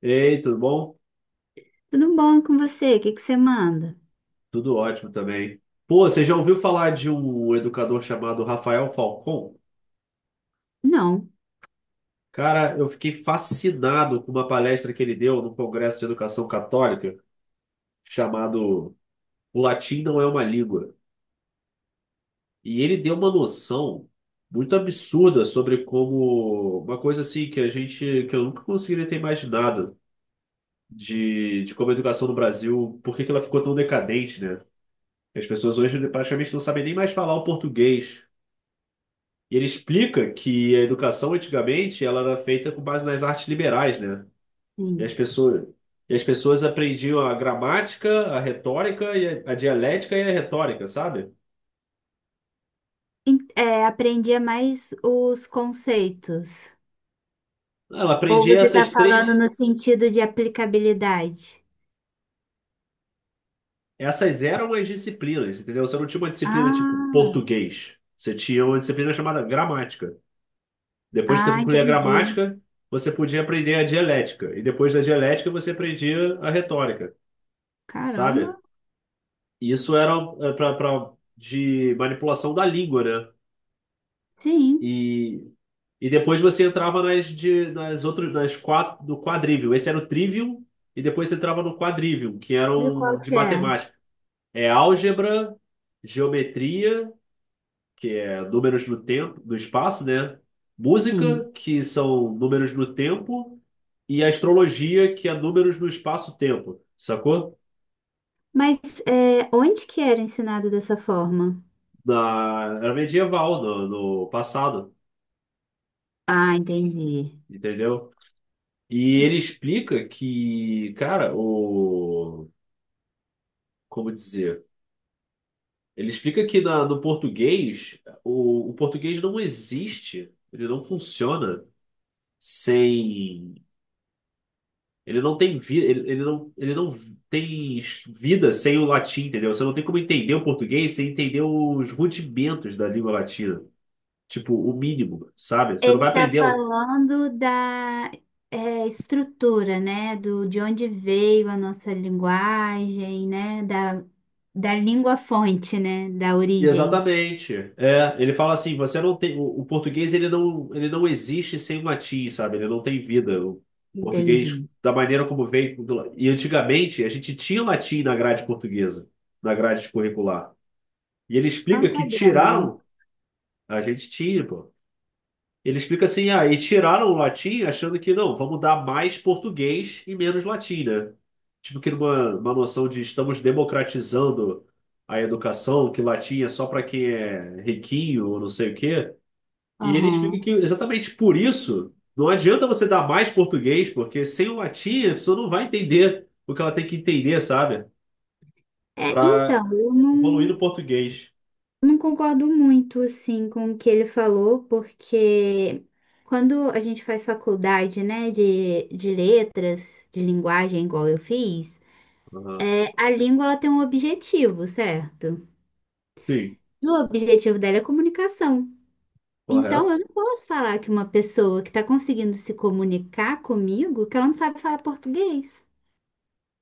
Ei, tudo bom? Tudo bom com você? O que que você manda? Tudo ótimo também. Pô, você já ouviu falar de um educador chamado Rafael Falcon? Não. Cara, eu fiquei fascinado com uma palestra que ele deu no Congresso de Educação Católica, chamado O Latim Não é uma Língua. E ele deu uma noção muito absurda sobre como uma coisa assim que a gente, que eu nunca conseguiria ter imaginado de como a educação no Brasil, por que que ela ficou tão decadente, né? As pessoas hoje praticamente não sabem nem mais falar o português. E ele explica que a educação antigamente ela era feita com base nas artes liberais, né? E as Sim. pessoas, e as pessoas aprendiam a gramática, a retórica, e a dialética e a retórica, sabe? É, aprendia mais os conceitos. Ela Ou aprendia você está essas falando três, no sentido de aplicabilidade? essas eram as disciplinas, entendeu? Você não tinha uma disciplina tipo Ah, português, você tinha uma disciplina chamada gramática. Depois que você ah, concluía a entendi. gramática, você podia aprender a dialética, e depois da dialética você aprendia a retórica, sabe? Caramba. E isso era de manipulação da língua, né? Sim. E, e depois você entrava nas outras, nas quatro, do quadrívio. Esse era o trivium, e depois você entrava no quadrívio, que De eram qual de que é? matemática. É álgebra, geometria, que é números no tempo, no espaço, né? Sim. Música, que são números no tempo, e astrologia, que é números no espaço-tempo, sacou? Mas onde que era ensinado dessa forma? Era medieval, no passado, Ah, entendi. entendeu? E ele explica que, cara, o. Como dizer? Ele explica que no português, o português não existe, ele não funciona sem. Ele não tem vida, ele não tem vida sem o latim, entendeu? Você não tem como entender o português sem entender os rudimentos da língua latina. Tipo, o mínimo, sabe? Você não Ele vai está aprender. falando da estrutura, né? Do, de onde veio a nossa linguagem, né? Da, da língua fonte, né? Da origem. Exatamente. É, ele fala assim, você não tem o português ele não existe sem o latim, sabe? Ele não tem vida. O português Entendi. da maneira como veio e antigamente a gente tinha latim na grade portuguesa, na grade curricular. E ele Não explica que sabia, não. tiraram, a gente tinha, pô. Ele explica assim, ah, e tiraram o latim achando que não, vamos dar mais português e menos latim, né? Tipo que numa uma noção de estamos democratizando a educação, que latim é só para quem é riquinho ou não sei o quê. E ele explica Aham. que exatamente por isso não adianta você dar mais português, porque sem o latim a pessoa não vai entender o que ela tem que entender, sabe? É, Para então, eu evoluir não, no português. não concordo muito, assim, com o que ele falou, porque quando a gente faz faculdade, né, de letras, de linguagem, igual eu fiz, Aham. A língua ela tem um objetivo, certo? Sim, E o objetivo dela é comunicação. Então, correto. eu não posso falar que uma pessoa que está conseguindo se comunicar comigo, que ela não sabe falar português.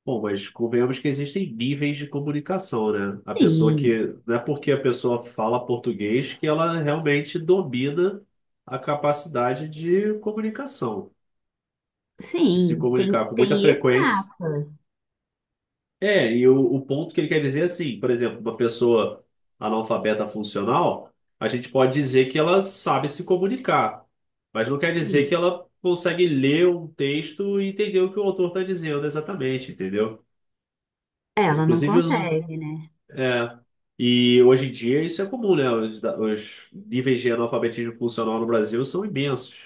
Bom, mas convenhamos que existem níveis de comunicação, né? A pessoa Sim, que. Não é porque a pessoa fala português que ela realmente domina a capacidade de comunicação, de se sim, tem, comunicar com muita tem frequência. etapas. É, e o ponto que ele quer dizer é assim, por exemplo, uma pessoa analfabeta funcional, a gente pode dizer que ela sabe se comunicar, mas não quer dizer Sim, que ela consegue ler um texto e entender o que o autor está dizendo exatamente, entendeu? Ele, ela não inclusive, usa. consegue, né? É. E hoje em dia isso é comum, né? Os níveis de analfabetismo funcional no Brasil são imensos.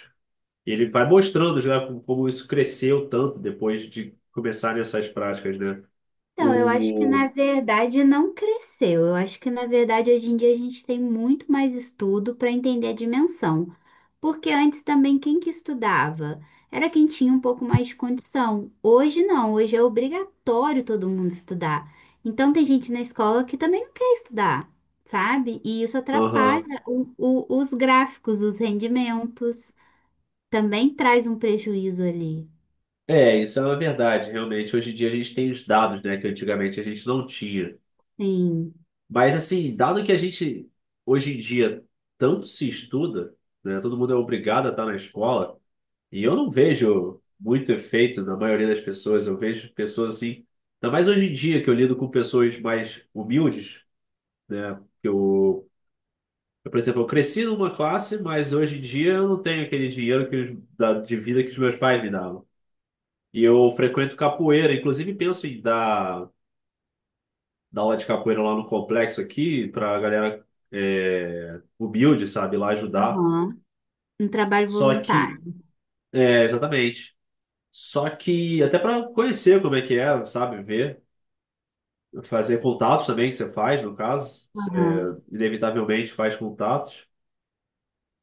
E ele vai mostrando já como isso cresceu tanto depois de começarem essas práticas, né? Então, eu acho que na O. verdade não cresceu. Eu acho que na verdade hoje em dia a gente tem muito mais estudo para entender a dimensão. Porque antes também quem que estudava? Era quem tinha um pouco mais de condição. Hoje não, hoje é obrigatório todo mundo estudar. Então tem gente na escola que também não quer estudar, sabe? E isso Aham. atrapalha os gráficos, os rendimentos. Também traz um prejuízo ali. É, isso é uma verdade, realmente. Hoje em dia a gente tem os dados, né, que antigamente a gente não tinha. Sim. Mas, assim, dado que a gente, hoje em dia, tanto se estuda, né, todo mundo é obrigado a estar na escola, e eu não vejo muito efeito na maioria das pessoas. Eu vejo pessoas assim, ainda mais hoje em dia que eu lido com pessoas mais humildes, né? Que eu, por exemplo, eu cresci numa classe, mas hoje em dia eu não tenho aquele dinheiro que de vida que os meus pais me davam. E eu frequento capoeira, inclusive penso em dar aula de capoeira lá no complexo aqui para galera humilde, sabe, lá ajudar. Aham. Um trabalho Só que, voluntário. Exatamente. Só que até para conhecer como é que é, sabe, ver. Fazer contatos também, que você faz, no caso. Você Aham. inevitavelmente faz contatos.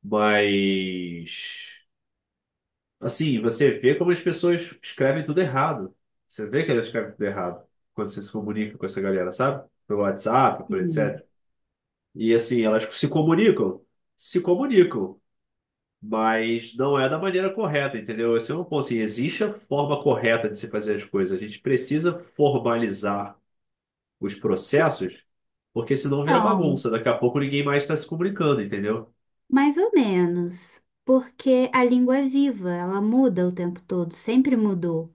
Mas, assim, você vê como as pessoas escrevem tudo errado. Você vê que elas escrevem tudo errado quando você se comunica com essa galera, sabe? Pelo WhatsApp, por Sim. etc. E, assim, elas se comunicam. Se comunicam. Mas não é da maneira correta, entendeu? Esse é um ponto, assim, existe a forma correta de se fazer as coisas. A gente precisa formalizar os processos, porque senão vira Então, bagunça. Daqui a pouco ninguém mais está se comunicando, entendeu? mais ou menos, porque a língua é viva, ela muda o tempo todo, sempre mudou.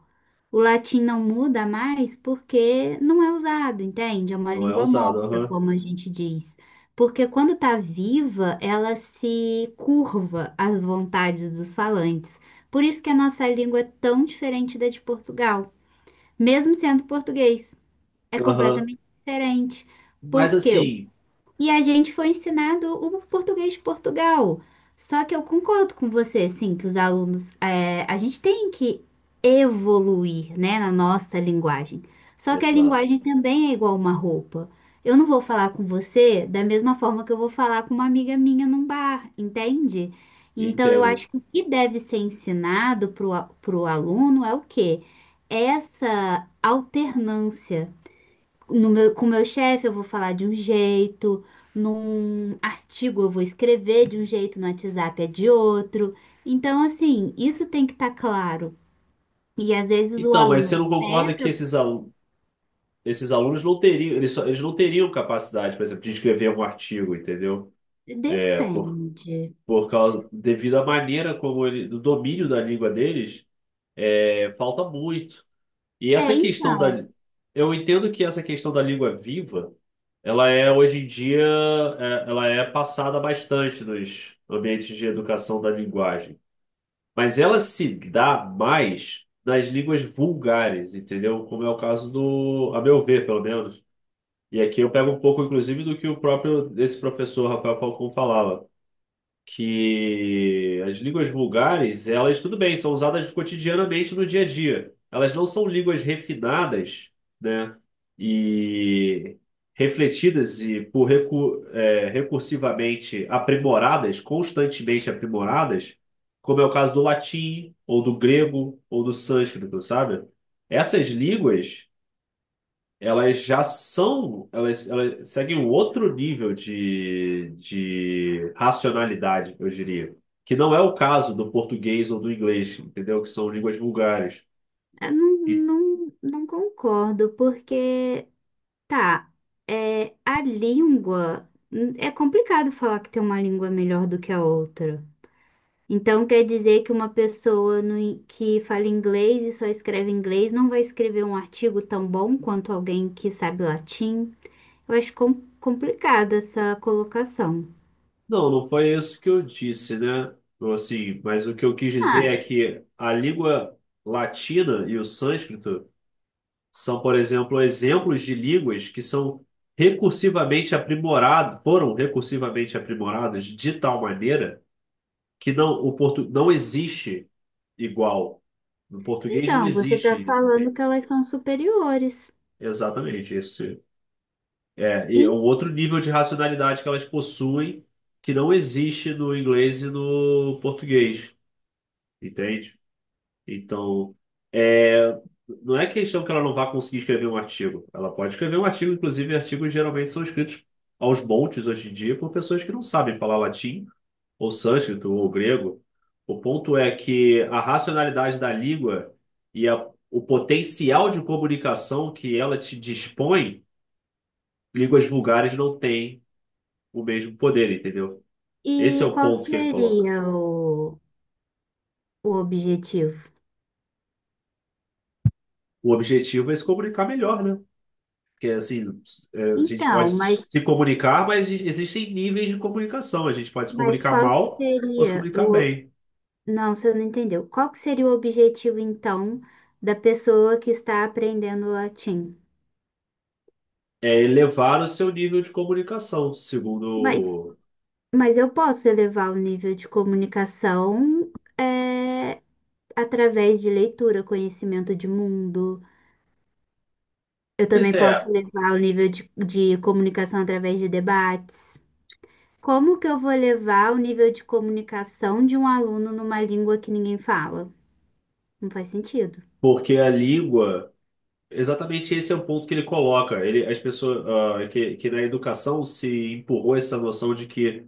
O latim não muda mais porque não é usado, entende? É uma Não é língua usado. morta, Aham. como a gente diz. Porque quando está viva, ela se curva às vontades dos falantes. Por isso que a nossa língua é tão diferente da de Portugal, mesmo sendo português. É Aham. completamente diferente. Mas Porque assim. E a gente foi ensinado o português de Portugal. Só que eu concordo com você, assim, que os alunos, é, a gente tem que evoluir, né, na nossa linguagem. Só que a Exato. linguagem também é igual uma roupa. Eu não vou falar com você da mesma forma que eu vou falar com uma amiga minha num bar, entende? Então, eu Entendo. acho que o que deve ser ensinado para o aluno é o quê? Essa alternância. No meu, com o meu chefe, eu vou falar de um jeito, num artigo, eu vou escrever de um jeito, no WhatsApp é de outro. Então, assim, isso tem que estar claro. E às vezes o Então, mas você aluno não concorda que peca, esses alunos não teriam, eles não teriam capacidade, por exemplo, de escrever um artigo, entendeu? É, depende. Devido à maneira como do domínio da língua deles, falta muito. E É, essa questão da. então, Eu entendo que essa questão da língua viva, ela é hoje em dia, ela é passada bastante nos ambientes de educação da linguagem. Mas ela se dá mais nas línguas vulgares, entendeu? Como é o caso a meu ver, pelo menos. E aqui eu pego um pouco, inclusive, do que o próprio esse professor Rafael Falcão falava que as línguas vulgares, elas, tudo bem, são usadas cotidianamente no dia a dia. Elas não são línguas refinadas, né? E refletidas e recursivamente aprimoradas, constantemente aprimoradas, como é o caso do latim, ou do grego, ou do sânscrito, sabe? Essas línguas elas já são, elas seguem um outro nível de racionalidade, eu diria. Que não é o caso do português ou do inglês, entendeu? Que são línguas vulgares. eu não, E- não, não concordo, porque, tá, a língua. É complicado falar que tem uma língua melhor do que a outra. Então quer dizer que uma pessoa no in- que fala inglês e só escreve inglês não vai escrever um artigo tão bom quanto alguém que sabe latim? Eu acho complicado essa colocação. não, não foi isso que eu disse, né? Mas o que eu quis dizer Ah, é que a língua latina e o sânscrito são, por exemplo, exemplos de línguas que são recursivamente aprimoradas, foram recursivamente aprimoradas de tal maneira que não, não existe igual. No português não então você está existe isso, falando que entende? elas são superiores. Exatamente, e é um E, outro nível de racionalidade que elas possuem que não existe no inglês e no português, entende? Então, é, não é questão que ela não vá conseguir escrever um artigo. Ela pode escrever um artigo, inclusive artigos geralmente são escritos aos montes hoje em dia por pessoas que não sabem falar latim ou sânscrito, ou grego. O ponto é que a racionalidade da língua e o potencial de comunicação que ela te dispõe, línguas vulgares não têm o mesmo poder, entendeu? Esse é e o qual ponto que ele coloca. seria o objetivo? O objetivo é se comunicar melhor, né? Porque assim, a gente pode Então, se comunicar, mas existem níveis de comunicação. A gente pode se mas comunicar qual que mal ou se seria comunicar o... bem. Não, você não entendeu. Qual que seria o objetivo, então, da pessoa que está aprendendo latim? É elevar o seu nível de comunicação, Mas segundo. Mas eu posso elevar o nível de comunicação é, através de leitura, conhecimento de mundo. Eu Pois também posso é, levar o nível de comunicação através de debates. Como que eu vou levar o nível de comunicação de um aluno numa língua que ninguém fala? Não faz sentido. porque a língua. Exatamente esse é o ponto que ele coloca. As pessoas, ah, que na educação se empurrou essa noção de que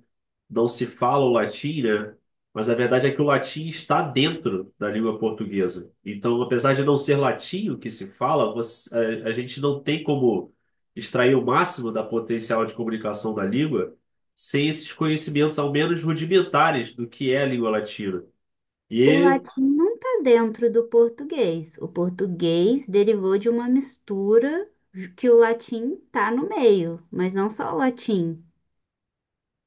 não se fala o latim, né? Mas a verdade é que o latim está dentro da língua portuguesa. Então, apesar de não ser latim o que se fala, a gente não tem como extrair o máximo da potencial de comunicação da língua sem esses conhecimentos, ao menos rudimentares, do que é a língua latina. O E latim não está dentro do português. O português derivou de uma mistura que o latim está no meio, mas não só o latim.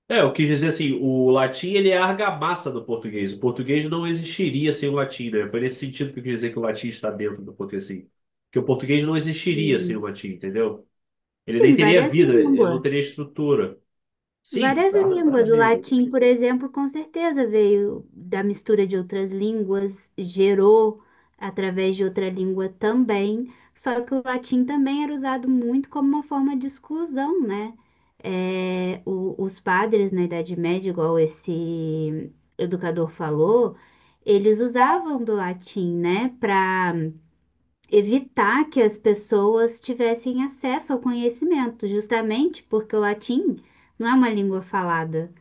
Eu quis dizer assim, o latim ele é a argamassa do português. O português não existiria sem o latim, né? Foi nesse sentido que eu quis dizer que o latim está dentro do português, assim. Que o português não existiria sem o latim, entendeu? Ele nem Sim, teria várias vida, ele não teria línguas. estrutura. Sim, Várias várias línguas. O línguas. latim, por exemplo, com certeza veio da mistura de outras línguas, gerou através de outra língua também. Só que o latim também era usado muito como uma forma de exclusão, né? É, os padres na Idade Média, igual esse educador falou, eles usavam do latim, né, para evitar que as pessoas tivessem acesso ao conhecimento, justamente porque o latim não é uma língua falada.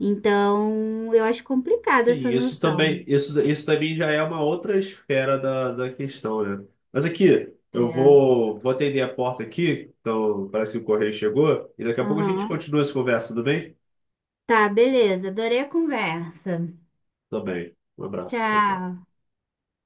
Então, eu acho complicada Sim, essa isso noção. também, isso também já é uma outra esfera da questão, né? Mas aqui, eu É. vou atender a porta aqui, então parece que o correio chegou, e daqui a pouco a gente Aham. continua essa conversa, tudo bem? Tá, beleza. Adorei a conversa. Também. Um abraço. Tchau, tchau. Tchau.